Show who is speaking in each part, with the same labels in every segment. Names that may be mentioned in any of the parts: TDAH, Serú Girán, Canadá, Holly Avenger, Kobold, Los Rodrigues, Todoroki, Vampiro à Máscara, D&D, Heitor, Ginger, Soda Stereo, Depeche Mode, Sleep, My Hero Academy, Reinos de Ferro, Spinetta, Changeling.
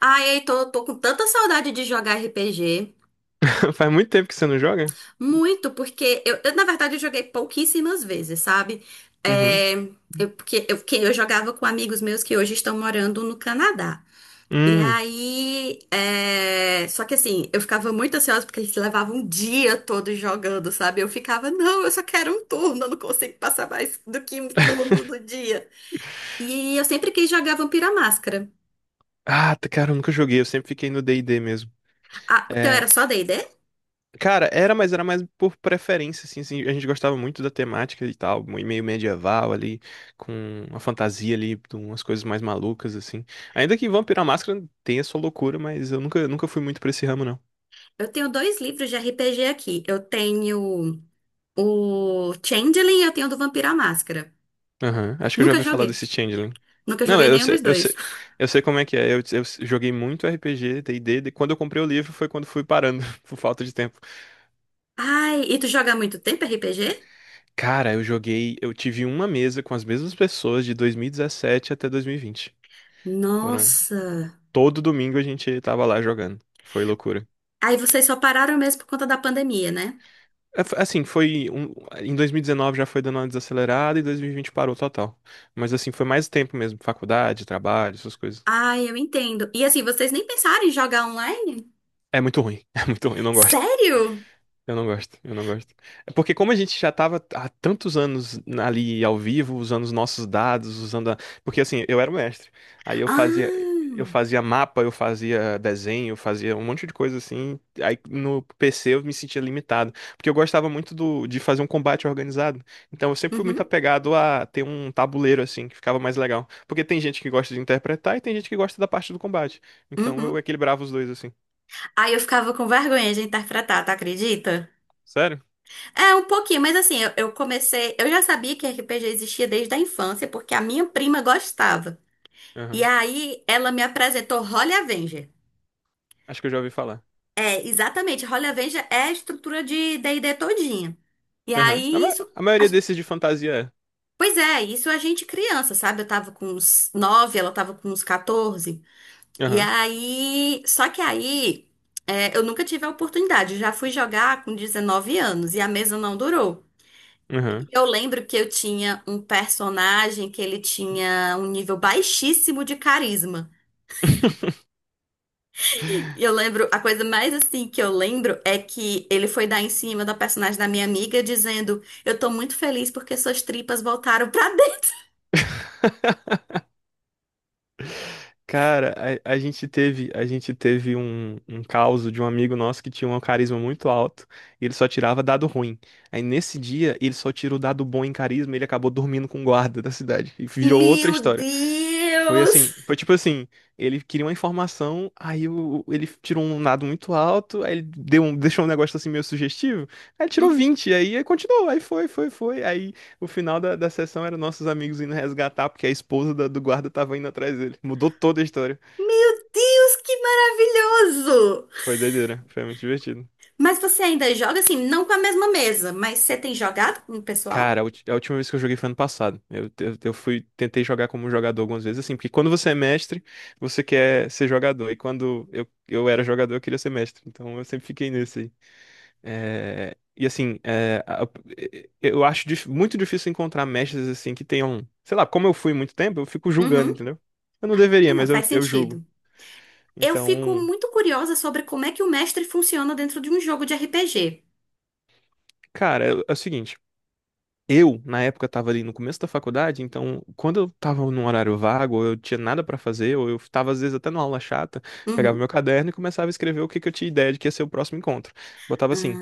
Speaker 1: Ai, Heitor, eu tô com tanta saudade de jogar RPG.
Speaker 2: Faz muito tempo que você não joga?
Speaker 1: Muito, porque eu, na verdade, eu joguei pouquíssimas vezes, sabe?
Speaker 2: Uhum.
Speaker 1: É, que eu jogava com amigos meus que hoje estão morando no Canadá. E
Speaker 2: Hum.
Speaker 1: aí, é, só que assim, eu ficava muito ansiosa porque eles levavam um dia todo jogando, sabe? Eu ficava, não, eu só quero um turno, eu não consigo passar mais do que um turno no dia. E eu sempre quis jogar Vampira Máscara.
Speaker 2: Ah, cara, eu nunca joguei, eu sempre fiquei no D&D mesmo.
Speaker 1: Ah, o teu era
Speaker 2: É,
Speaker 1: só D&D?
Speaker 2: cara, era, mas era mais por preferência, assim, a gente gostava muito da temática e tal, meio medieval ali, com uma fantasia ali, de umas coisas mais malucas, assim. Ainda que Vampiro à Máscara tenha sua loucura, mas eu nunca fui muito pra esse ramo, não.
Speaker 1: Eu tenho dois livros de RPG aqui. Eu tenho o Changeling e eu tenho o do Vampiro à Máscara.
Speaker 2: Aham. Acho que eu já
Speaker 1: Nunca
Speaker 2: ouvi falar
Speaker 1: joguei.
Speaker 2: desse Changeling.
Speaker 1: Nunca
Speaker 2: Não,
Speaker 1: joguei nenhum dos dois.
Speaker 2: eu sei como é que é, eu joguei muito RPG, D&D, quando eu comprei o livro foi quando fui parando, por falta de tempo.
Speaker 1: Ai, e tu joga há muito tempo RPG?
Speaker 2: Cara, eu joguei. Eu tive uma mesa com as mesmas pessoas de 2017 até 2020. Foram.
Speaker 1: Nossa.
Speaker 2: Todo domingo a gente tava lá jogando. Foi loucura.
Speaker 1: Aí vocês só pararam mesmo por conta da pandemia, né?
Speaker 2: É, assim, foi. Em 2019 já foi dando uma desacelerada e 2020 parou total. Mas assim, foi mais tempo mesmo. Faculdade, trabalho, essas coisas.
Speaker 1: Ai, eu entendo. E assim, vocês nem pensaram em jogar online?
Speaker 2: É muito ruim. É muito ruim, eu não gosto.
Speaker 1: Sério?
Speaker 2: Eu não gosto, eu não gosto. É porque como a gente já tava há tantos anos ali ao vivo, usando os nossos dados, usando a. Porque assim, eu era o mestre. Aí eu
Speaker 1: Ah.
Speaker 2: fazia mapa, eu fazia desenho, eu fazia um monte de coisa assim. Aí no PC eu me sentia limitado, porque eu gostava muito de fazer um combate organizado. Então eu sempre fui muito
Speaker 1: Uhum,
Speaker 2: apegado a ter um tabuleiro assim, que ficava mais legal. Porque tem gente que gosta de interpretar e tem gente que gosta da parte do combate. Então eu
Speaker 1: uhum.
Speaker 2: equilibrava os dois assim.
Speaker 1: Aí eu ficava com vergonha de interpretar, tu acredita?
Speaker 2: Sério?
Speaker 1: É, um pouquinho, mas assim, eu comecei. Eu já sabia que RPG existia desde a infância, porque a minha prima gostava. E
Speaker 2: Aham.
Speaker 1: aí ela me apresentou Holly Avenger.
Speaker 2: Acho que eu já ouvi falar.
Speaker 1: É, exatamente, Holly Avenger é a estrutura de D&D todinha. E
Speaker 2: Aham. A,
Speaker 1: aí
Speaker 2: ma-
Speaker 1: isso.
Speaker 2: a
Speaker 1: a-
Speaker 2: maioria desses de fantasia
Speaker 1: Pois é, isso a gente criança, sabe? Eu tava com uns 9, ela tava com uns 14.
Speaker 2: é.
Speaker 1: E
Speaker 2: Aham.
Speaker 1: aí. Só que aí, é, eu nunca tive a oportunidade, eu já fui jogar com 19 anos e a mesa não durou. E
Speaker 2: Aham.
Speaker 1: eu lembro que eu tinha um personagem que ele tinha um nível baixíssimo de carisma. E eu lembro, a coisa mais assim que eu lembro é que ele foi dar em cima da personagem da minha amiga dizendo: "Eu tô muito feliz porque suas tripas voltaram pra dentro."
Speaker 2: Cara, a gente teve, um, caso de um amigo nosso que tinha um carisma muito alto e ele só tirava dado ruim. Aí nesse dia ele só tirou dado bom em carisma e ele acabou dormindo com o guarda da cidade. E virou outra
Speaker 1: Meu
Speaker 2: história. Foi
Speaker 1: Deus!
Speaker 2: assim, foi tipo assim, ele queria uma informação, ele tirou um dado muito alto, aí ele deu um, deixou um negócio assim meio sugestivo, aí tirou
Speaker 1: Hum?
Speaker 2: 20 aí, aí continuou, aí foi, aí o final da sessão era nossos amigos indo resgatar, porque a esposa do guarda tava indo atrás dele. Mudou toda a história.
Speaker 1: Meu Deus, que maravilhoso!
Speaker 2: Foi doideira, foi muito divertido.
Speaker 1: Mas você ainda joga assim, não com a mesma mesa, mas você tem jogado com o pessoal?
Speaker 2: Cara, a última vez que eu joguei foi ano passado. Tentei jogar como jogador algumas vezes, assim, porque quando você é mestre, você quer ser jogador, e quando eu era jogador, eu queria ser mestre, então eu sempre fiquei nesse aí. É, e assim, é, eu acho muito difícil encontrar mestres assim que tenham, sei lá, como eu fui muito tempo, eu fico julgando,
Speaker 1: Uhum.
Speaker 2: entendeu? Eu não
Speaker 1: Ah,
Speaker 2: deveria,
Speaker 1: não,
Speaker 2: mas
Speaker 1: faz
Speaker 2: eu julgo.
Speaker 1: sentido. Eu fico
Speaker 2: Então,
Speaker 1: muito curiosa sobre como é que o mestre funciona dentro de um jogo de RPG.
Speaker 2: cara, é o seguinte, eu na época tava ali no começo da faculdade, então quando eu tava num horário vago, ou eu tinha nada pra fazer, ou eu tava às vezes até numa aula chata, pegava
Speaker 1: Uhum.
Speaker 2: meu caderno e começava a escrever o que que eu tinha ideia de que ia ser o próximo encontro. Botava assim,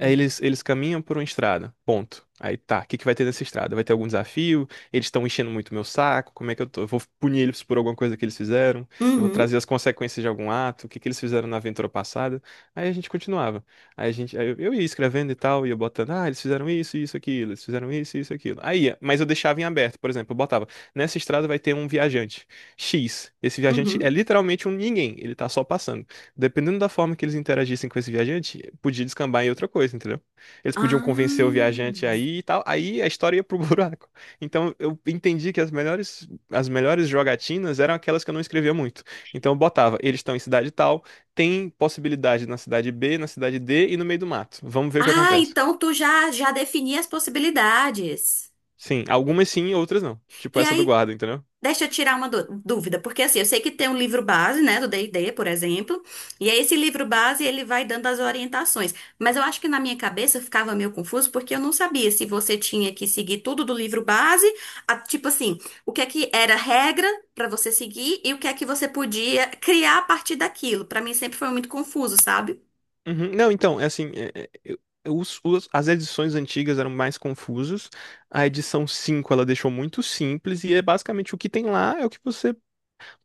Speaker 2: aí eles caminham por uma estrada, ponto. Aí tá, o que que vai ter nessa estrada? Vai ter algum desafio? Eles estão enchendo muito meu saco? Como é que eu tô? Eu vou punir eles por alguma coisa que eles fizeram? Eu vou
Speaker 1: Uhum.
Speaker 2: trazer as consequências de algum ato? O que que eles fizeram na aventura passada? Aí a gente continuava. Aí eu ia escrevendo e tal, ia botando, ah, eles fizeram isso, isso, aquilo, eles fizeram isso, isso, aquilo. Aí, ia, mas eu deixava em aberto, por exemplo, eu botava, nessa estrada vai ter um viajante X. Esse viajante é
Speaker 1: Uhum.
Speaker 2: literalmente um ninguém, ele tá só passando. Dependendo da forma que eles interagissem com esse viajante, podia descambar em outra coisa, entendeu? Eles podiam convencer o
Speaker 1: Ah.
Speaker 2: viajante aí e tal, aí a história ia pro buraco. Então eu entendi que as melhores jogatinas eram aquelas que eu não escrevia muito. Então eu botava, eles estão em cidade tal, tem possibilidade na cidade B, na cidade D e no meio do mato. Vamos ver o que
Speaker 1: Ah,
Speaker 2: acontece.
Speaker 1: então tu já defini as possibilidades.
Speaker 2: Sim, algumas sim, outras não. Tipo
Speaker 1: E
Speaker 2: essa do
Speaker 1: aí,
Speaker 2: guarda, entendeu?
Speaker 1: deixa eu tirar uma dúvida, porque assim, eu sei que tem um livro base, né, do D&D, por exemplo, e aí esse livro base ele vai dando as orientações, mas eu acho que na minha cabeça eu ficava meio confuso porque eu não sabia se você tinha que seguir tudo do livro base, tipo assim, o que é que era regra pra você seguir e o que é que você podia criar a partir daquilo. Pra mim sempre foi muito confuso, sabe?
Speaker 2: Uhum. Não, então, é assim, as edições antigas eram mais confusas. A edição 5, ela deixou muito simples e é basicamente o que tem lá é o que você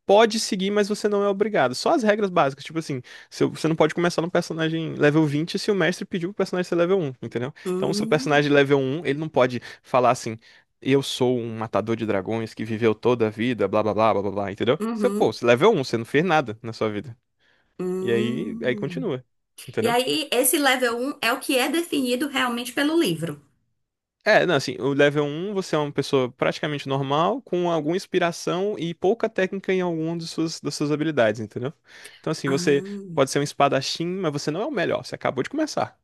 Speaker 2: pode seguir, mas você não é obrigado. Só as regras básicas, tipo assim, se o- você não pode começar no personagem level 20 se o mestre pediu pro personagem ser level um, entendeu? Então, o seu
Speaker 1: Hum,
Speaker 2: personagem level um, ele não pode falar assim, eu sou um matador de dragões que viveu toda a vida, blá blá blá blá blá, blá", entendeu? Você, pô,
Speaker 1: uhum,
Speaker 2: você level um, você não fez nada na sua vida. E aí
Speaker 1: hum.
Speaker 2: continua.
Speaker 1: E
Speaker 2: Entendeu?
Speaker 1: aí esse level 1 é o que é definido realmente pelo livro.
Speaker 2: É, não, assim, o level um, você é uma pessoa praticamente normal, com alguma inspiração e pouca técnica em alguma das suas habilidades, entendeu? Então, assim, você pode
Speaker 1: Ah.
Speaker 2: ser um espadachim, mas você não é o melhor, você acabou de começar.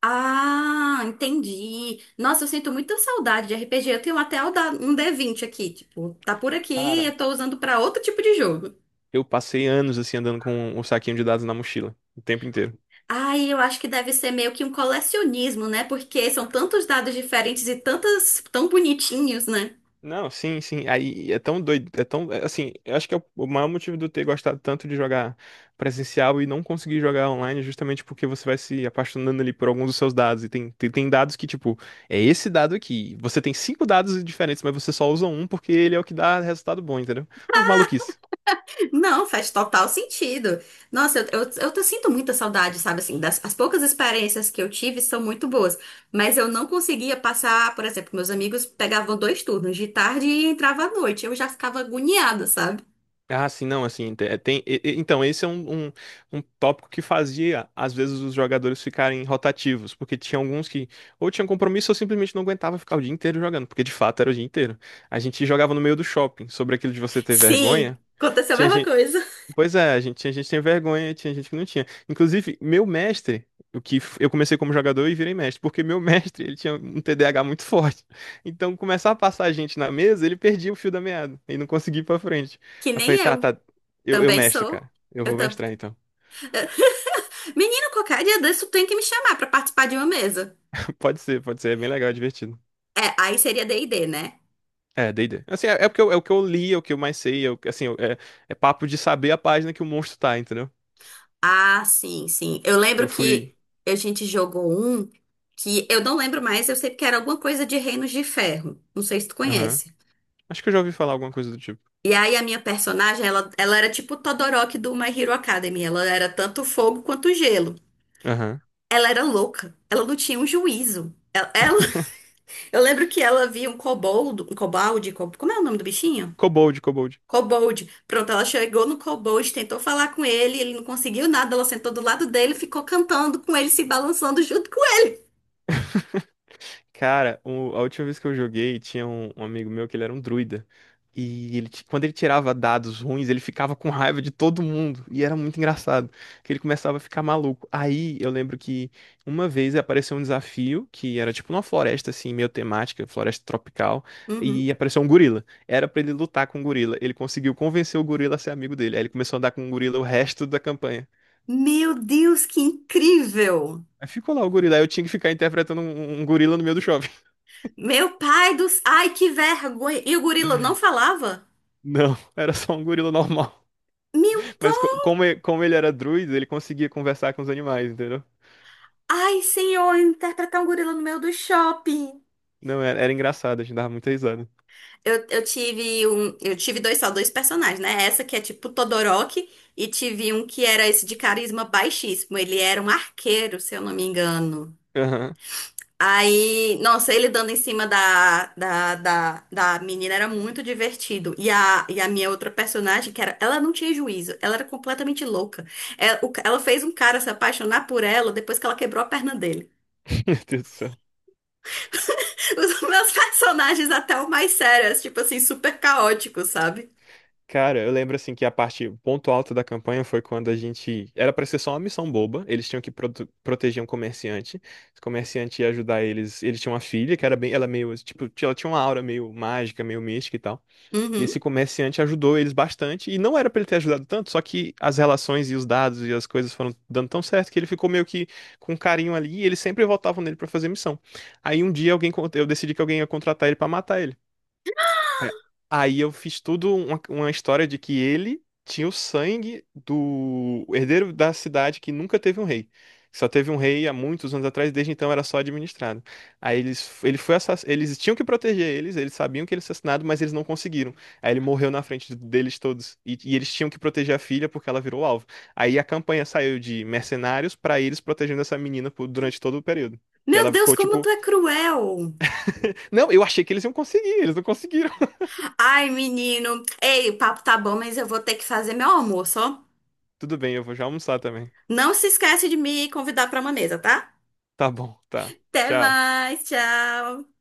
Speaker 1: Ah, entendi. Nossa, eu sinto muita saudade de RPG. Eu tenho até o um d20 aqui, tipo, tá por aqui,
Speaker 2: Cara,
Speaker 1: eu tô usando pra outro tipo de jogo.
Speaker 2: eu passei anos, assim, andando com o saquinho de dados na mochila, o tempo inteiro.
Speaker 1: Ai, eu acho que deve ser meio que um colecionismo, né? Porque são tantos dados diferentes e tantas tão bonitinhos, né?
Speaker 2: Não, sim, sim. Aí é tão doido, assim, eu acho que é o maior motivo de eu ter gostado tanto de jogar presencial e não conseguir jogar online é justamente porque você vai se apaixonando ali por alguns dos seus dados. E tem dados que, tipo, é esse dado aqui. Você tem cinco dados diferentes, mas você só usa um porque ele é o que dá resultado bom, entendeu? Mas maluquice.
Speaker 1: Não, faz total sentido. Nossa, eu sinto muita saudade, sabe assim, as poucas experiências que eu tive são muito boas, mas eu não conseguia passar, por exemplo, meus amigos pegavam dois turnos de tarde e entrava à noite. Eu já ficava agoniada, sabe?
Speaker 2: Ah, sim, não, assim, tem, então, esse é um tópico que fazia, às vezes, os jogadores ficarem rotativos, porque tinha alguns que ou tinham compromisso ou simplesmente não aguentava ficar o dia inteiro jogando, porque de fato era o dia inteiro. A gente jogava no meio do shopping, sobre aquilo de você ter
Speaker 1: Sim,
Speaker 2: vergonha,
Speaker 1: aconteceu a
Speaker 2: tinha.
Speaker 1: mesma coisa.
Speaker 2: Pois é, tinha gente que tem vergonha, tinha gente que não tinha. Inclusive, meu mestre, eu comecei como jogador e virei mestre, porque meu mestre, ele tinha um TDAH muito forte. Então, começar a passar a gente na mesa, ele perdia o fio da meada e não conseguia ir pra frente.
Speaker 1: Que
Speaker 2: Aí eu
Speaker 1: nem
Speaker 2: falei, tá,
Speaker 1: eu.
Speaker 2: tá, eu
Speaker 1: Também
Speaker 2: mestro, cara.
Speaker 1: sou.
Speaker 2: Eu
Speaker 1: Eu
Speaker 2: vou
Speaker 1: tam...
Speaker 2: mestrar então.
Speaker 1: Menino, qualquer dia desse tu tem que me chamar pra participar de uma mesa.
Speaker 2: Pode ser, é bem legal, é divertido.
Speaker 1: É, aí seria D&D, né?
Speaker 2: É, D&D. Assim, é porque eu, é o que eu li, é o que eu mais sei, é, assim, é papo de saber a página que o monstro tá, entendeu?
Speaker 1: Ah, sim, sim. Eu lembro
Speaker 2: Eu
Speaker 1: que
Speaker 2: fui.
Speaker 1: a gente jogou um que eu não lembro mais, eu sei que era alguma coisa de Reinos de Ferro. Não sei se tu
Speaker 2: Aham.
Speaker 1: conhece.
Speaker 2: Acho que eu já ouvi falar alguma coisa do tipo.
Speaker 1: E aí a minha personagem, ela era tipo o Todoroki do My Hero Academy. Ela era tanto fogo quanto gelo.
Speaker 2: Aham.
Speaker 1: Ela era louca. Ela não tinha um juízo. Ela ela Eu lembro que ela viu um coboldo, um cobalde, como é o nome do bichinho?
Speaker 2: Kobold, Kobold.
Speaker 1: Kobold. Pronto, ela chegou no kobold, tentou falar com ele, ele não conseguiu nada, ela sentou do lado dele, e ficou cantando com ele, se balançando junto com
Speaker 2: Cara, a última vez que eu joguei, tinha um amigo meu que ele era um druida. E quando ele tirava dados ruins, ele ficava com raiva de todo mundo. E era muito engraçado, que ele começava a ficar maluco. Aí eu lembro que uma vez apareceu um desafio, que era tipo numa floresta assim, meio temática, floresta tropical,
Speaker 1: ele.
Speaker 2: e
Speaker 1: Uhum.
Speaker 2: apareceu um gorila. Era pra ele lutar com o gorila. Ele conseguiu convencer o gorila a ser amigo dele. Aí ele começou a andar com o gorila o resto da campanha.
Speaker 1: Meu Deus, que incrível!
Speaker 2: Aí ficou lá o gorila, aí eu tinha que ficar interpretando um gorila no meio do shopping.
Speaker 1: Meu pai dos... Ai, que vergonha! E o gorila não falava?
Speaker 2: Não, era só um gorila normal.
Speaker 1: Meu...
Speaker 2: Mas como, como ele era druida, ele conseguia conversar com os animais, entendeu?
Speaker 1: Ai, senhor, interpretar um gorila no meio do shopping.
Speaker 2: Não, era engraçado, a gente dava muita risada.
Speaker 1: Eu tive dois só dois personagens, né? Essa que é tipo Todoroki e tive um que era esse de carisma baixíssimo. Ele era um arqueiro, se eu não me engano.
Speaker 2: Aham.
Speaker 1: Aí, nossa, ele dando em cima da menina era muito divertido. E a minha outra personagem, que era, ela não tinha juízo, ela era completamente louca. Ela fez um cara se apaixonar por ela depois que ela quebrou a perna dele.
Speaker 2: Meu Deus do céu.
Speaker 1: Os meus personagens até o mais sérios, tipo assim, super caóticos, sabe?
Speaker 2: Cara, eu lembro assim que a parte, o ponto alto da campanha foi quando a gente. Era pra ser só uma missão boba. Eles tinham que proteger um comerciante. Esse comerciante ia ajudar eles. Eles tinham uma filha que era bem. Ela meio. Tipo, ela tinha uma aura meio mágica, meio mística e tal. E
Speaker 1: Uhum.
Speaker 2: esse comerciante ajudou eles bastante, e não era pra ele ter ajudado tanto, só que as relações e os dados e as coisas foram dando tão certo que ele ficou meio que com um carinho ali, e eles sempre voltavam nele pra fazer missão. Aí um dia eu decidi que alguém ia contratar ele pra matar ele. É, aí eu fiz tudo uma história de que ele tinha o sangue do herdeiro da cidade que nunca teve um rei. Só teve um rei há muitos anos atrás, desde então era só administrado. Aí ele foi assass. Eles tinham que proteger eles, sabiam que ele era assassinado, mas eles não conseguiram. Aí ele morreu na frente deles todos. E eles tinham que proteger a filha porque ela virou alvo. Aí a campanha saiu de mercenários pra eles protegendo essa menina durante todo o período. Que
Speaker 1: Meu
Speaker 2: ela
Speaker 1: Deus,
Speaker 2: ficou
Speaker 1: como tu
Speaker 2: tipo,
Speaker 1: é cruel!
Speaker 2: não, eu achei que eles iam conseguir, eles não conseguiram.
Speaker 1: Ai, menino. Ei, o papo tá bom, mas eu vou ter que fazer meu almoço, ó.
Speaker 2: Tudo bem, eu vou já almoçar também.
Speaker 1: Não se esquece de me convidar pra uma mesa, tá?
Speaker 2: Tá bom, tá.
Speaker 1: Até
Speaker 2: Tchau.
Speaker 1: mais, tchau!